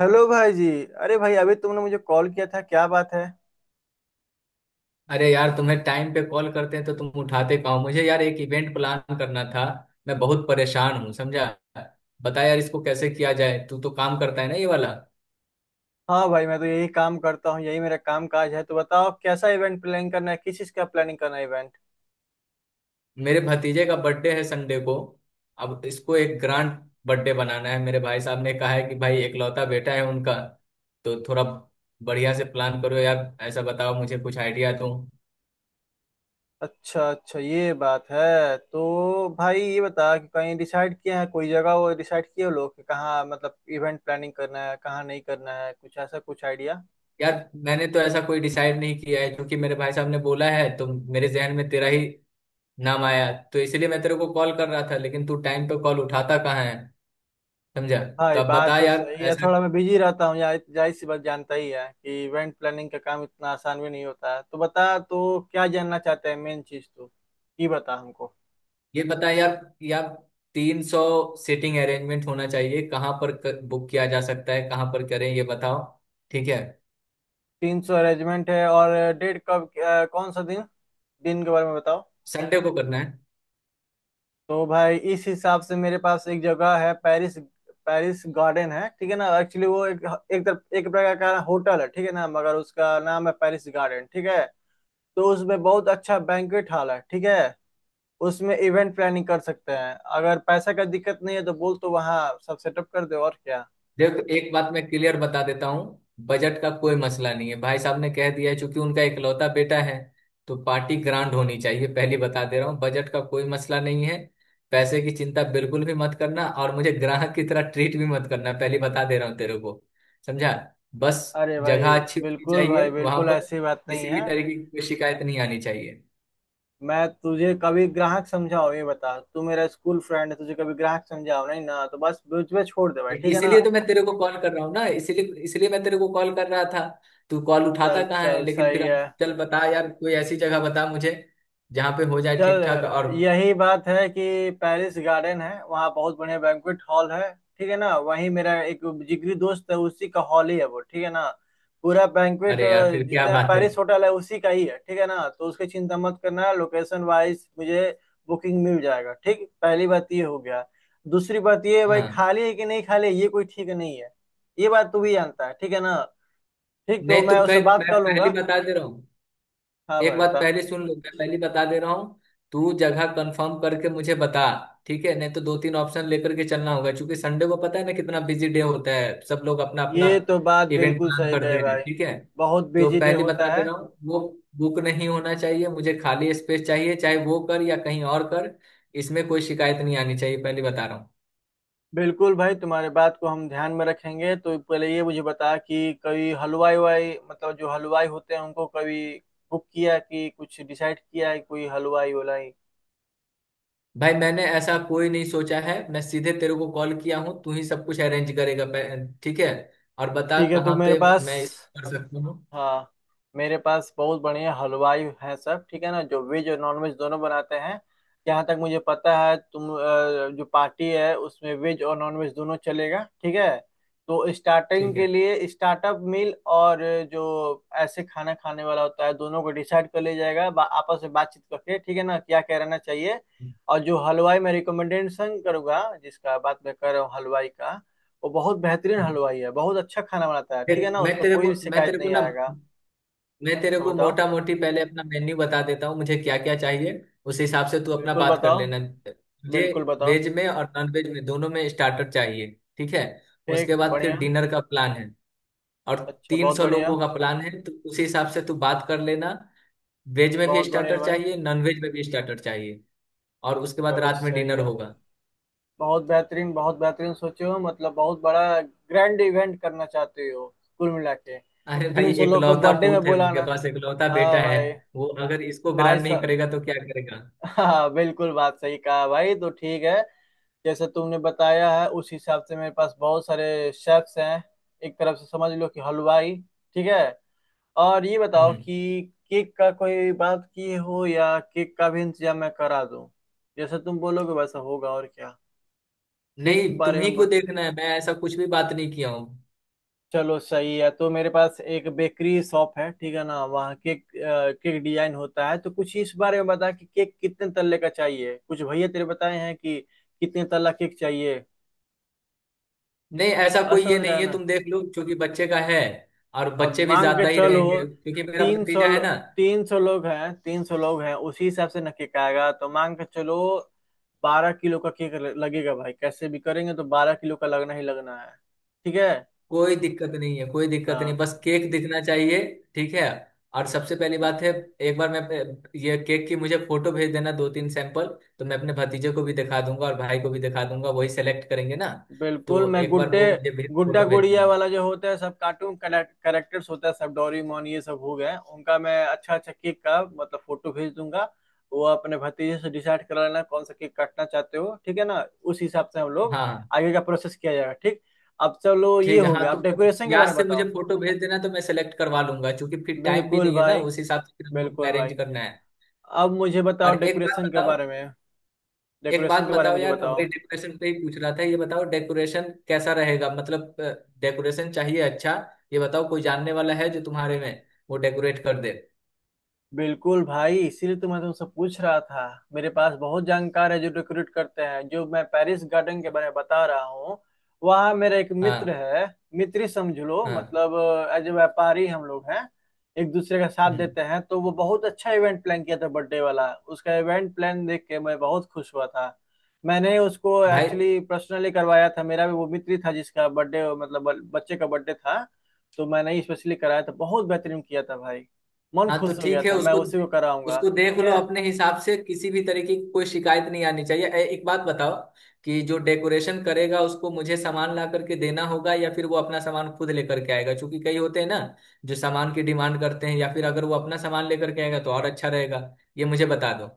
Hello भाई जी। अरे भाई, अभी तुमने मुझे कॉल किया था, क्या बात है? अरे यार तुम्हें टाइम पे कॉल करते हैं तो तुम उठाते कहाँ हो? मुझे यार एक इवेंट प्लान करना था। मैं बहुत परेशान हूँ, समझा। बता यार इसको कैसे किया जाए, तू तो काम करता है ना ये वाला। हाँ भाई, मैं तो यही काम करता हूँ, यही मेरा काम काज है। तो बताओ कैसा इवेंट प्लान करना है, किस चीज़ का प्लानिंग करना है इवेंट? मेरे भतीजे का बर्थडे है संडे को। अब इसको एक ग्रांड बर्थडे बनाना है, मेरे भाई साहब ने कहा है कि भाई एकलौता बेटा है उनका, तो थोड़ा बढ़िया से प्लान करो यार। ऐसा बताओ, मुझे कुछ आइडिया दो। अच्छा अच्छा, ये बात है। तो भाई ये बता कि कहीं डिसाइड किया है, कोई जगह वो डिसाइड किए हो लोग कि कहाँ मतलब इवेंट प्लानिंग करना है कहाँ नहीं करना है, कुछ ऐसा कुछ आइडिया। यार मैंने तो ऐसा कोई डिसाइड नहीं किया है, क्योंकि मेरे भाई साहब ने बोला है तो मेरे जहन में तेरा ही नाम आया, तो इसलिए मैं तेरे को कॉल कर रहा था, लेकिन तू टाइम पे कॉल उठाता कहाँ है समझा। तो भाई अब बात बता तो यार सही है, ऐसा। थोड़ा मैं बिजी रहता हूँ, जाहिर जाहिर सी बात, जानता ही है कि इवेंट प्लानिंग का काम इतना आसान भी नहीं होता है। तो बता तो क्या जानना चाहते हैं, मेन चीज तो ये बता हमको। ये बता यार यार, 300 सीटिंग अरेंजमेंट होना चाहिए, कहाँ पर बुक किया जा सकता है, कहाँ पर करें ये बताओ। ठीक है, 300 अरेंजमेंट है, और डेट कब कौन सा दिन, दिन के बारे में बताओ। संडे को करना है। तो भाई इस हिसाब से मेरे पास एक जगह है, पेरिस पेरिस गार्डन है, ठीक है ना। एक्चुअली वो एक, एक तरफ एक प्रकार का होटल है, ठीक है ना, मगर उसका नाम है पेरिस गार्डन, ठीक है। तो उसमें बहुत अच्छा बैंक्वेट हॉल है, ठीक है। उसमें इवेंट प्लानिंग कर सकते हैं, अगर पैसा का दिक्कत नहीं है तो बोल, तो वहाँ सब सेटअप कर दे, और क्या। देखो एक बात मैं क्लियर बता देता हूँ, बजट का कोई मसला नहीं है। भाई साहब ने कह दिया है, चूंकि उनका इकलौता बेटा है तो पार्टी ग्रांड होनी चाहिए। पहली बता दे रहा हूँ बजट का कोई मसला नहीं है, पैसे की चिंता बिल्कुल भी मत करना, और मुझे ग्राहक की तरह ट्रीट भी मत करना, पहली बता दे रहा हूँ तेरे को, समझा। बस अरे भाई, जगह अच्छी होनी बिल्कुल भाई, चाहिए वहां बिल्कुल पर। ऐसी बात नहीं किसी है। भी तरीके की कोई शिकायत नहीं आनी चाहिए। मैं तुझे कभी ग्राहक समझा हो ये बता, तू मेरा स्कूल फ्रेंड है, तुझे कभी ग्राहक समझा हो? नहीं ना, तो बस बीच में छोड़ दे भाई, ठीक है ना। इसीलिए तो मैं तेरे को कॉल कर रहा हूँ ना, इसीलिए इसीलिए मैं तेरे को कॉल कर रहा था। तू कॉल उठाता चल कहाँ है, चल लेकिन फिर सही अब है, चल बता यार, कोई ऐसी जगह बता मुझे जहाँ पे हो जाए चल। ठीक ठाक। और यही बात है कि पेरिस गार्डन है, वहाँ बहुत बढ़िया बैंक्वेट हॉल है, ठीक है ना। वहीं मेरा एक जिगरी दोस्त है, उसी का हॉल ही है वो, ठीक है ना। पूरा बैंक्वेट, अरे यार फिर क्या जितना बात है। पेरिस होटल है, उसी का ही है, ठीक है ना। तो उसकी चिंता मत करना, लोकेशन वाइज मुझे बुकिंग मिल जाएगा, ठीक, पहली बात ये हो गया। दूसरी बात ये, भाई हाँ, खाली है कि नहीं खाली है, ये कोई ठीक नहीं है, ये बात तू भी जानता है, ठीक है ना। ठीक, तो नहीं तो मैं उससे फिर बात मैं कर पहले लूंगा। ही बता दे रहा हूँ, हाँ एक भाई बात बता। पहले सुन लो, मैं पहले बता दे रहा हूँ, तू जगह कंफर्म करके मुझे बता। ठीक है, नहीं तो दो तीन ऑप्शन लेकर के चलना होगा, क्योंकि संडे को पता है ना कितना बिजी डे होता है। सब लोग अपना अपना ये तो बात इवेंट बिल्कुल प्लान सही करते कहे हैं भाई, ठीक है। बहुत तो बिजी डे पहले होता बता दे है। रहा हूँ, वो बुक नहीं होना चाहिए, मुझे खाली स्पेस चाहिए, चाहे वो कर या कहीं और कर। इसमें कोई शिकायत नहीं आनी चाहिए, पहले बता रहा हूँ। बिल्कुल भाई, तुम्हारे बात को हम ध्यान में रखेंगे। तो पहले ये मुझे बता कि कभी हलवाई वाई, मतलब जो हलवाई होते हैं, उनको कभी बुक किया कि कुछ डिसाइड किया है कोई हलवाई वलाई? भाई मैंने ऐसा कोई नहीं सोचा है, मैं सीधे तेरे को कॉल किया हूँ, तू ही सब कुछ अरेंज करेगा ठीक है। और बता ठीक है, तो कहाँ मेरे पे पास, मैं इस कर सकता हूँ। हाँ, मेरे पास बहुत बढ़िया हलवाई हैं सब, ठीक है ना, जो वेज और नॉन वेज दोनों बनाते हैं। जहाँ तक मुझे पता है तुम जो पार्टी है उसमें वेज और नॉन वेज दोनों चलेगा, ठीक है। तो स्टार्टिंग ठीक के है, लिए स्टार्टअप मील, और जो ऐसे खाना खाने वाला होता है, दोनों को डिसाइड कर लिया जाएगा आपस में बातचीत करके, ठीक है ना, क्या क्या रहना चाहिए। और जो हलवाई मैं रिकमेंडेशन करूंगा, जिसका बात मैं कर रहा हूँ हलवाई का, वो बहुत बेहतरीन हलवाई है, बहुत अच्छा खाना बनाता है, ठीक है देख ना, उसमें कोई मैं शिकायत तेरे को नहीं ना आएगा। मैं तेरे हाँ को बताओ। मोटा मोटी पहले अपना मेन्यू बता देता हूँ, मुझे क्या क्या चाहिए, उस हिसाब से तू अपना बिल्कुल बात कर बताओ, लेना। मुझे बिल्कुल बताओ। वेज में और नॉन वेज में दोनों में स्टार्टर चाहिए ठीक है। ठीक, उसके बाद फिर बढ़िया। डिनर का प्लान है। और अच्छा, तीन बहुत सौ बढ़िया। लोगों का प्लान है, तो उसी हिसाब से तू बात कर लेना। वेज में भी बहुत बढ़िया स्टार्टर भाई। चाहिए, नॉन वेज में भी स्टार्टर चाहिए, और उसके बाद चलो रात में सही डिनर है। होगा। बहुत बेहतरीन, बहुत बेहतरीन सोचे हो, मतलब बहुत बड़ा ग्रैंड इवेंट करना चाहते हो, कुल मिला के अरे भाई 300 लोग को एकलौता बर्थडे में पूत है उनके बुलाना। पास, एकलौता बेटा हाँ है। भाई, वो अगर इसको भाई ग्रहण नहीं सब, करेगा तो क्या करेगा। हाँ, बिल्कुल बात सही कहा भाई। तो ठीक है, जैसे तुमने बताया है उस हिसाब से मेरे पास बहुत सारे शेफ्स हैं, एक तरफ से समझ लो कि हलवाई, ठीक है। और ये बताओ हम्म। कि केक का कोई बात किए हो, या केक का भी इंतजाम मैं करा दूं, जैसा तुम बोलोगे वैसा होगा, और क्या। केक के नहीं, बारे तुम्ही में को देखना है, मैं ऐसा कुछ भी बात नहीं किया हूँ। चलो सही है, तो मेरे पास एक बेकरी शॉप है, ठीक है ना, वहाँ केक केक डिजाइन होता है। तो कुछ इस बारे में बता कि केक कितने तल्ले का चाहिए, कुछ भैया तेरे बताए हैं कि कितने तल्ला केक चाहिए, नहीं ऐसा बात कोई ये समझ रहा नहीं है है, ना। तुम देख लो, क्योंकि बच्चे का है, और अब बच्चे भी मांग के ज्यादा ही चलो, रहेंगे क्योंकि मेरा तीन सौ भतीजा है ना। तीन सौ लोग हैं, 300 लोग हैं, उसी हिसाब से ना केक आएगा, तो मांग के चलो। बारह किलो का केक लगेगा भाई, कैसे भी करेंगे तो 12 किलो का लगना ही लगना है, ठीक है। कोई दिक्कत नहीं है, कोई दिक्कत नहीं, हाँ, बस केक दिखना चाहिए। ठीक है, और सबसे पहली बात है, एक बार मैं ये केक की मुझे फोटो भेज देना दो तीन सैंपल, तो मैं अपने भतीजे को भी दिखा दूंगा और भाई को भी दिखा दूंगा, वही सेलेक्ट करेंगे ना। बिल्कुल, तो मैं एक बार गुड्डे वो मुझे भेज, गुड्डा फोटो भेज गुड़िया देना। वाला जो होता है सब, कार्टून कैरेक्टर्स होता है सब, डोरेमोन ये सब हो गए, उनका मैं अच्छा अच्छा केक का मतलब फोटो भेज दूंगा। वो अपने भतीजे से डिसाइड कर लेना कौन सा केक काटना चाहते हो, ठीक है ना, उस हिसाब से हम लोग हाँ, आगे का प्रोसेस किया जाएगा, ठीक। अब चलो ये ठीक है। हो हाँ गया, तो अब डेकोरेशन के याद बारे में से मुझे बताओ। फोटो भेज देना, तो मैं सेलेक्ट करवा लूंगा, क्योंकि फिर टाइम भी बिल्कुल नहीं है ना, भाई, उस हिसाब से फिर हम लोग को बिल्कुल अरेंज भाई, करना है। अब मुझे बताओ और एक बात डेकोरेशन के बताओ, बारे में, एक बात डेकोरेशन के बारे में बताओ मुझे यार, वही बताओ। डेकोरेशन पे ही पूछ रहा था, ये बताओ डेकोरेशन कैसा रहेगा, मतलब डेकोरेशन चाहिए अच्छा। ये बताओ कोई जानने वाला है जो तुम्हारे में वो डेकोरेट कर दे। बिल्कुल भाई, इसीलिए तो मैं तुमसे पूछ रहा था, मेरे पास बहुत जानकार है जो रिक्रूट करते हैं, जो मैं पेरिस गार्डन के बारे में बता रहा हूँ, वहाँ मेरा एक मित्र हाँ। है, मित्र ही समझ लो हाँ। मतलब, एज ए व्यापारी हम लोग हैं, एक दूसरे का साथ हम्म। देते हैं। तो वो बहुत अच्छा इवेंट प्लान किया था, बर्थडे वाला, उसका इवेंट प्लान देख के मैं बहुत खुश हुआ था। मैंने उसको भाई। एक्चुअली पर्सनली करवाया था, मेरा भी वो मित्र ही था, जिसका बर्थडे मतलब बच्चे का बर्थडे था, तो मैंने ही स्पेशली कराया था, बहुत बेहतरीन किया था भाई, मन हाँ, तो खुश हो गया ठीक है था, मैं उसको, उसी को कराऊंगा, उसको देख ठीक लो है। अपने हिसाब से, किसी भी तरीके की कोई शिकायत नहीं आनी चाहिए। एक बात बताओ, कि जो डेकोरेशन करेगा उसको मुझे सामान ला करके देना होगा, या फिर वो अपना सामान खुद लेकर के आएगा, क्योंकि कई होते हैं ना जो सामान की डिमांड करते हैं। या फिर अगर वो अपना सामान लेकर के आएगा तो और अच्छा रहेगा, ये मुझे बता दो।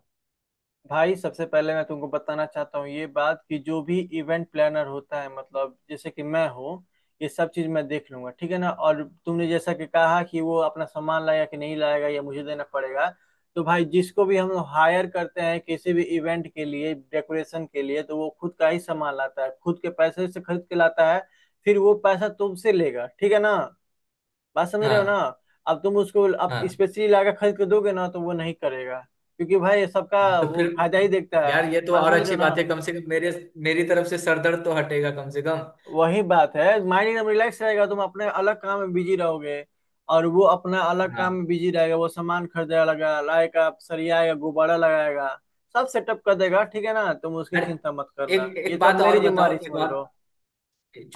भाई सबसे पहले मैं तुमको बताना चाहता हूँ ये बात कि जो भी इवेंट प्लानर होता है, मतलब जैसे कि मैं हूँ, ये सब चीज मैं देख लूंगा, ठीक है ना। और तुमने जैसा कि कहा कि वो अपना सामान लाएगा कि नहीं लाएगा या मुझे देना पड़ेगा, तो भाई जिसको भी हम हायर करते हैं किसी भी इवेंट के लिए डेकोरेशन के लिए, तो वो खुद का ही सामान लाता है, खुद के पैसे से खरीद के लाता है, फिर वो पैसा तुमसे लेगा, ठीक है ना, बात समझ रहे हो ना। हाँ। अब तुम उसको अब हाँ, स्पेशली लाकर खरीद के दोगे ना, तो वो नहीं करेगा, क्योंकि भाई सबका तो वो फिर फायदा ही देखता यार है, ये तो बात और समझ रहे हो अच्छी ना। बात है, कम से कम मेरे मेरी तरफ से सरदर्द तो हटेगा कम से कम। वही बात है, माइंड एकदम रिलैक्स रहेगा, तुम अपने अलग काम में बिजी रहोगे, और वो अपना अलग काम हाँ। में बिजी रहेगा, वो सामान खरीदेगा, लगा लाएगा, सरियाएगा, गुब्बारा लगाएगा, सब सेटअप कर देगा, ठीक है ना, तुम उसकी अरे, चिंता मत करना, एक ये एक सब बात मेरी और जिम्मेवारी बताओ, एक समझ और, लो।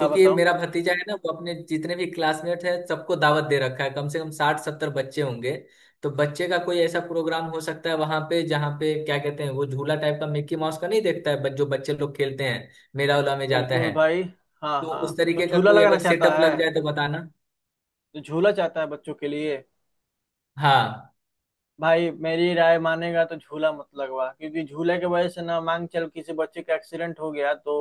हाँ बताओ। मेरा भतीजा है ना, वो अपने जितने भी क्लासमेट है सबको दावत दे रखा है, कम से कम 60-70 बच्चे होंगे। तो बच्चे का कोई ऐसा प्रोग्राम हो सकता है वहां पे, जहाँ पे क्या कहते हैं वो झूला टाइप का, मिक्की माउस का नहीं देखता है जो बच्चे लोग खेलते हैं, मेला उला में जाता बिल्कुल है, भाई। हाँ तो हाँ, उस तो तरीके का झूला कोई लगाना अगर चाहता सेटअप है, लग जाए तो बताना। तो झूला चाहता है बच्चों के लिए। हाँ। भाई मेरी राय मानेगा तो झूला मत लगवा, क्योंकि झूले के वजह से ना, मांग चल किसी बच्चे का एक्सीडेंट हो गया तो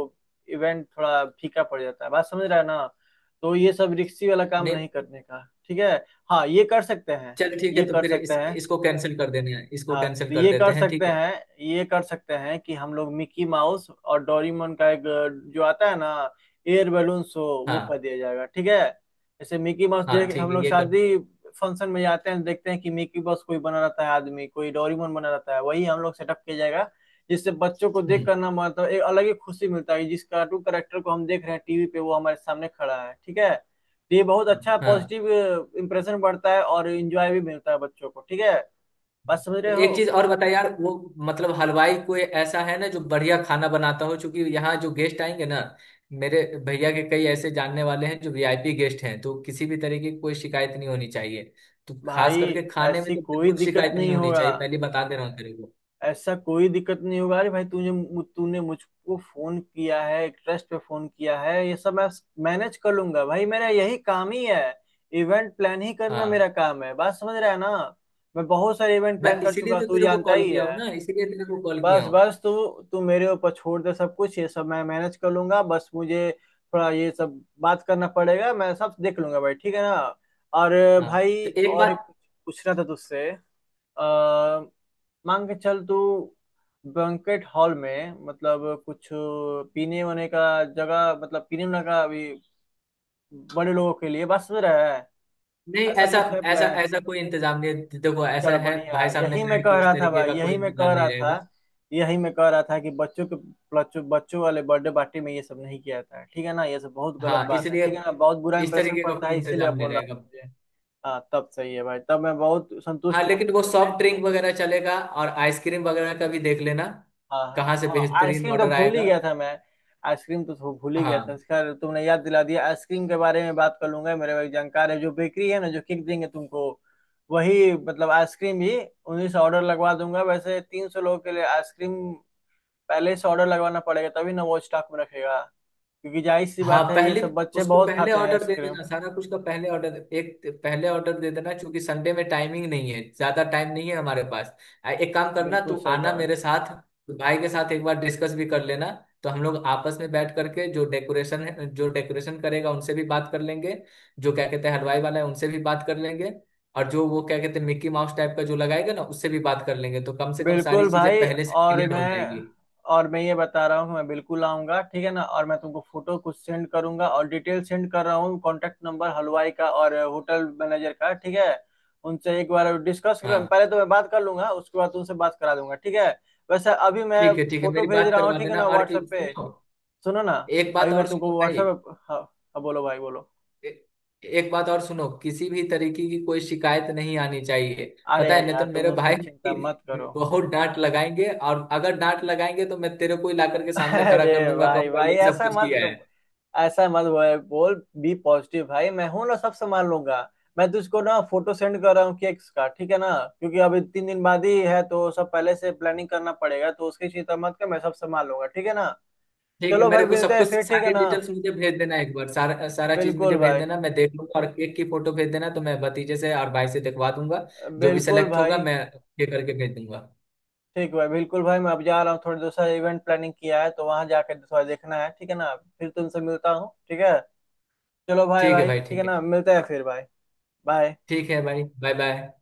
इवेंट थोड़ा फीका पड़ जाता है, बात समझ रहा है ना, तो ये सब रिक्सी वाला काम नहीं। नहीं करने का, ठीक है। हाँ, ये कर सकते हैं, चल ठीक है, ये तो कर फिर सकते हैं। इसको कैंसिल कर देना है, इसको हाँ कैंसिल तो कर ये देते कर हैं सकते ठीक है। हैं, ये कर सकते हैं कि हम लोग मिकी माउस और डोरीमोन का एक जो आता है ना, एयर बैलून शो, वो कर हाँ। दिया जाएगा, ठीक है। जैसे मिकी माउस, हाँ जैसे ठीक हम है, लोग ये कर। शादी फंक्शन में जाते हैं, देखते हैं कि मिकी माउस कोई बना रहता है आदमी, कोई डोरीमोन बना रहता है, वही हम लोग सेटअप किया जाएगा, जिससे बच्चों को देख हम्म। करना मतलब एक अलग ही खुशी मिलता है, जिस कार्टून करेक्टर को हम देख रहे हैं टीवी पे वो हमारे सामने खड़ा है, ठीक है। तो ये बहुत अच्छा हाँ, पॉजिटिव इंप्रेशन बढ़ता है और इंजॉय भी मिलता है बच्चों को, ठीक है, बात समझ रहे हो। एक चीज और बता यार, वो मतलब हलवाई कोई ऐसा है ना जो बढ़िया खाना बनाता हो, क्योंकि यहाँ जो गेस्ट आएंगे ना, मेरे भैया के कई ऐसे जानने वाले हैं जो वीआईपी गेस्ट हैं, तो किसी भी तरीके की कोई शिकायत नहीं होनी चाहिए, तो खास भाई करके खाने में ऐसी तो कोई बिल्कुल दिक्कत शिकायत नहीं नहीं होनी होगा, चाहिए, पहले बता दे रहा हूँ तेरे को। ऐसा कोई दिक्कत नहीं होगा। अरे भाई, तुझे तूने मुझको फोन किया है, एक ट्रस्ट पे फोन किया है, ये सब मैं मैनेज कर लूंगा भाई, मेरा यही काम ही है, इवेंट प्लान ही करना मेरा हाँ, काम है, बात समझ रहा है ना। मैं बहुत सारे इवेंट मैं प्लान कर चुका इसीलिए हूं, तो तू तेरे को जानता कॉल ही किया है। हूँ ना, इसीलिए तेरे को कॉल किया बस हूँ। बस तू, तू मेरे ऊपर छोड़ दे सब कुछ, ये सब मैं मैनेज कर लूंगा, बस मुझे थोड़ा ये सब बात करना पड़ेगा, मैं सब देख लूंगा भाई, ठीक है ना। और हाँ, भाई तो एक और एक बात। पूछना था तुझसे, अ, मांग के चल तू, बैंकेट हॉल में मतलब कुछ पीने होने का जगह, मतलब पीने होने का भी बड़े लोगों के लिए बस में रहा है, नहीं, ऐसा ऐसा कुछ है ऐसा प्लान? ऐसा कोई इंतजाम नहीं है, देखो ऐसा चलो है, बढ़िया, भाई साहब ने यही कहा मैं है कह कि इस रहा था तरीके भाई, का यही कोई मैं कह इंतजाम रहा नहीं था, रहेगा। यही मैं कह रहा था कि बच्चों बच्चों वाले बर्थडे पार्टी में ये सब नहीं किया जाता है, ठीक है ना, ये सब बहुत गलत हाँ, बात है, इसलिए ठीक है ना, बहुत बुरा इस इंप्रेशन तरीके का पड़ता कोई है, इसीलिए इंतजाम नहीं बोल रहा रहेगा। हूँ मुझे। हाँ तब सही है भाई, तब मैं बहुत हाँ संतुष्ट हूँ इस लेकिन वो बारे में। सॉफ्ट ड्रिंक वगैरह चलेगा, और आइसक्रीम वगैरह का भी देख लेना, हाँ हाँ। कहाँ से हाँ, बेहतरीन आइसक्रीम तो ऑर्डर भूल ही आएगा। गया था मैं, आइसक्रीम तो भूल ही गया था, हाँ। खैर तुमने याद दिला दिया। आइसक्रीम के बारे में बात कर लूंगा, मेरे भाई जानकार है, जो बेकरी है ना, जो केक देंगे तुमको, वही मतलब आइसक्रीम भी उन्हीं से ऑर्डर लगवा दूंगा। वैसे 300 लोगों के लिए आइसक्रीम पहले से ऑर्डर लगवाना पड़ेगा, तभी ना वो स्टॉक में रखेगा, क्योंकि जाहिर सी हाँ, बात है, ये पहले सब बच्चे उसको बहुत पहले खाते हैं ऑर्डर दे आइसक्रीम। देना, सारा कुछ का पहले ऑर्डर, एक पहले ऑर्डर दे देना, क्योंकि संडे में टाइमिंग नहीं है, ज्यादा टाइम नहीं है हमारे पास। एक काम करना, बिल्कुल तू सही आना कहा। मेरे साथ, तो भाई के साथ एक बार डिस्कस भी कर लेना। तो हम लोग आपस में बैठ करके, जो डेकोरेशन है, जो डेकोरेशन करेगा उनसे भी बात कर लेंगे, जो क्या कहते हैं हलवाई वाला है उनसे भी बात कर लेंगे, और जो वो क्या कहते हैं मिक्की माउस टाइप का जो लगाएगा ना, उससे भी बात कर लेंगे, तो कम से कम सारी बिल्कुल चीजें भाई, पहले से और क्लियर हो मैं, जाएगी। और मैं ये बता रहा हूँ, मैं बिल्कुल आऊंगा, ठीक है ना, और मैं तुमको फोटो कुछ सेंड करूंगा, और डिटेल सेंड कर रहा हूँ, कॉन्टेक्ट नंबर हलवाई का और होटल मैनेजर का, ठीक है। उनसे एक बार डिस्कस कर, हाँ। पहले तो मैं बात कर लूंगा, उसके बाद तुमसे बात करा दूंगा, ठीक है। वैसे अभी मैं ठीक है ठीक है, फोटो मेरी भेज बात रहा हूँ करवा ठीक है देना। ना, और व्हाट्सएप पे। सुनो, सुनो ना, एक अभी बात मैं और तुमको सुनो भाई, व्हाट्सएप हाँ हाँ, बोलो भाई बोलो। ए- एक बात और सुनो, किसी भी तरीके की कोई शिकायत नहीं आनी चाहिए, अरे पता है? नहीं यार तो तुम मेरे उसकी भाई चिंता मत की करो। बहुत डांट लगाएंगे, और अगर डांट लगाएंगे तो मैं तेरे को ही ला करके सामने खड़ा कर अरे दूंगा, भाई कहूंगा भाई यही सब ऐसा कुछ मत किया है। करो, ऐसा मत बोल बोल। बी पॉजिटिव भाई, मैं हूं ना, सब संभाल लूंगा। मैं तुझको ना फोटो सेंड कर रहा हूँ केक्स का, ठीक है ना, क्योंकि अभी 3 दिन बाद ही है, तो सब पहले से प्लानिंग करना पड़ेगा, तो उसकी चिंता मत कर, मैं सब संभाल लूंगा, ठीक है ना। ठीक है, चलो मेरे भाई, को मिलते सब हैं कुछ, फिर, ठीक है सारी ना। डिटेल्स मुझे भेज देना, एक बार सारा सारा चीज बिल्कुल मुझे भेज भाई, देना, मैं देख लूंगा, और केक की फोटो भेज देना तो मैं भतीजे से और भाई से दिखवा दूंगा। जो भी बिल्कुल सेलेक्ट होगा भाई। मैं ये करके भेज दूंगा। ठीक भाई, बिल्कुल भाई, मैं अब जा रहा हूँ, थोड़ी दूसरा इवेंट प्लानिंग किया है, तो वहां जाकर थोड़ा देखना है, ठीक है ना, फिर तुमसे मिलता हूँ, ठीक है। चलो भाई ठीक है भाई, भाई, ठीक है ठीक है, ना, मिलते हैं फिर भाई। बाय। ठीक है भाई, बाय बाय।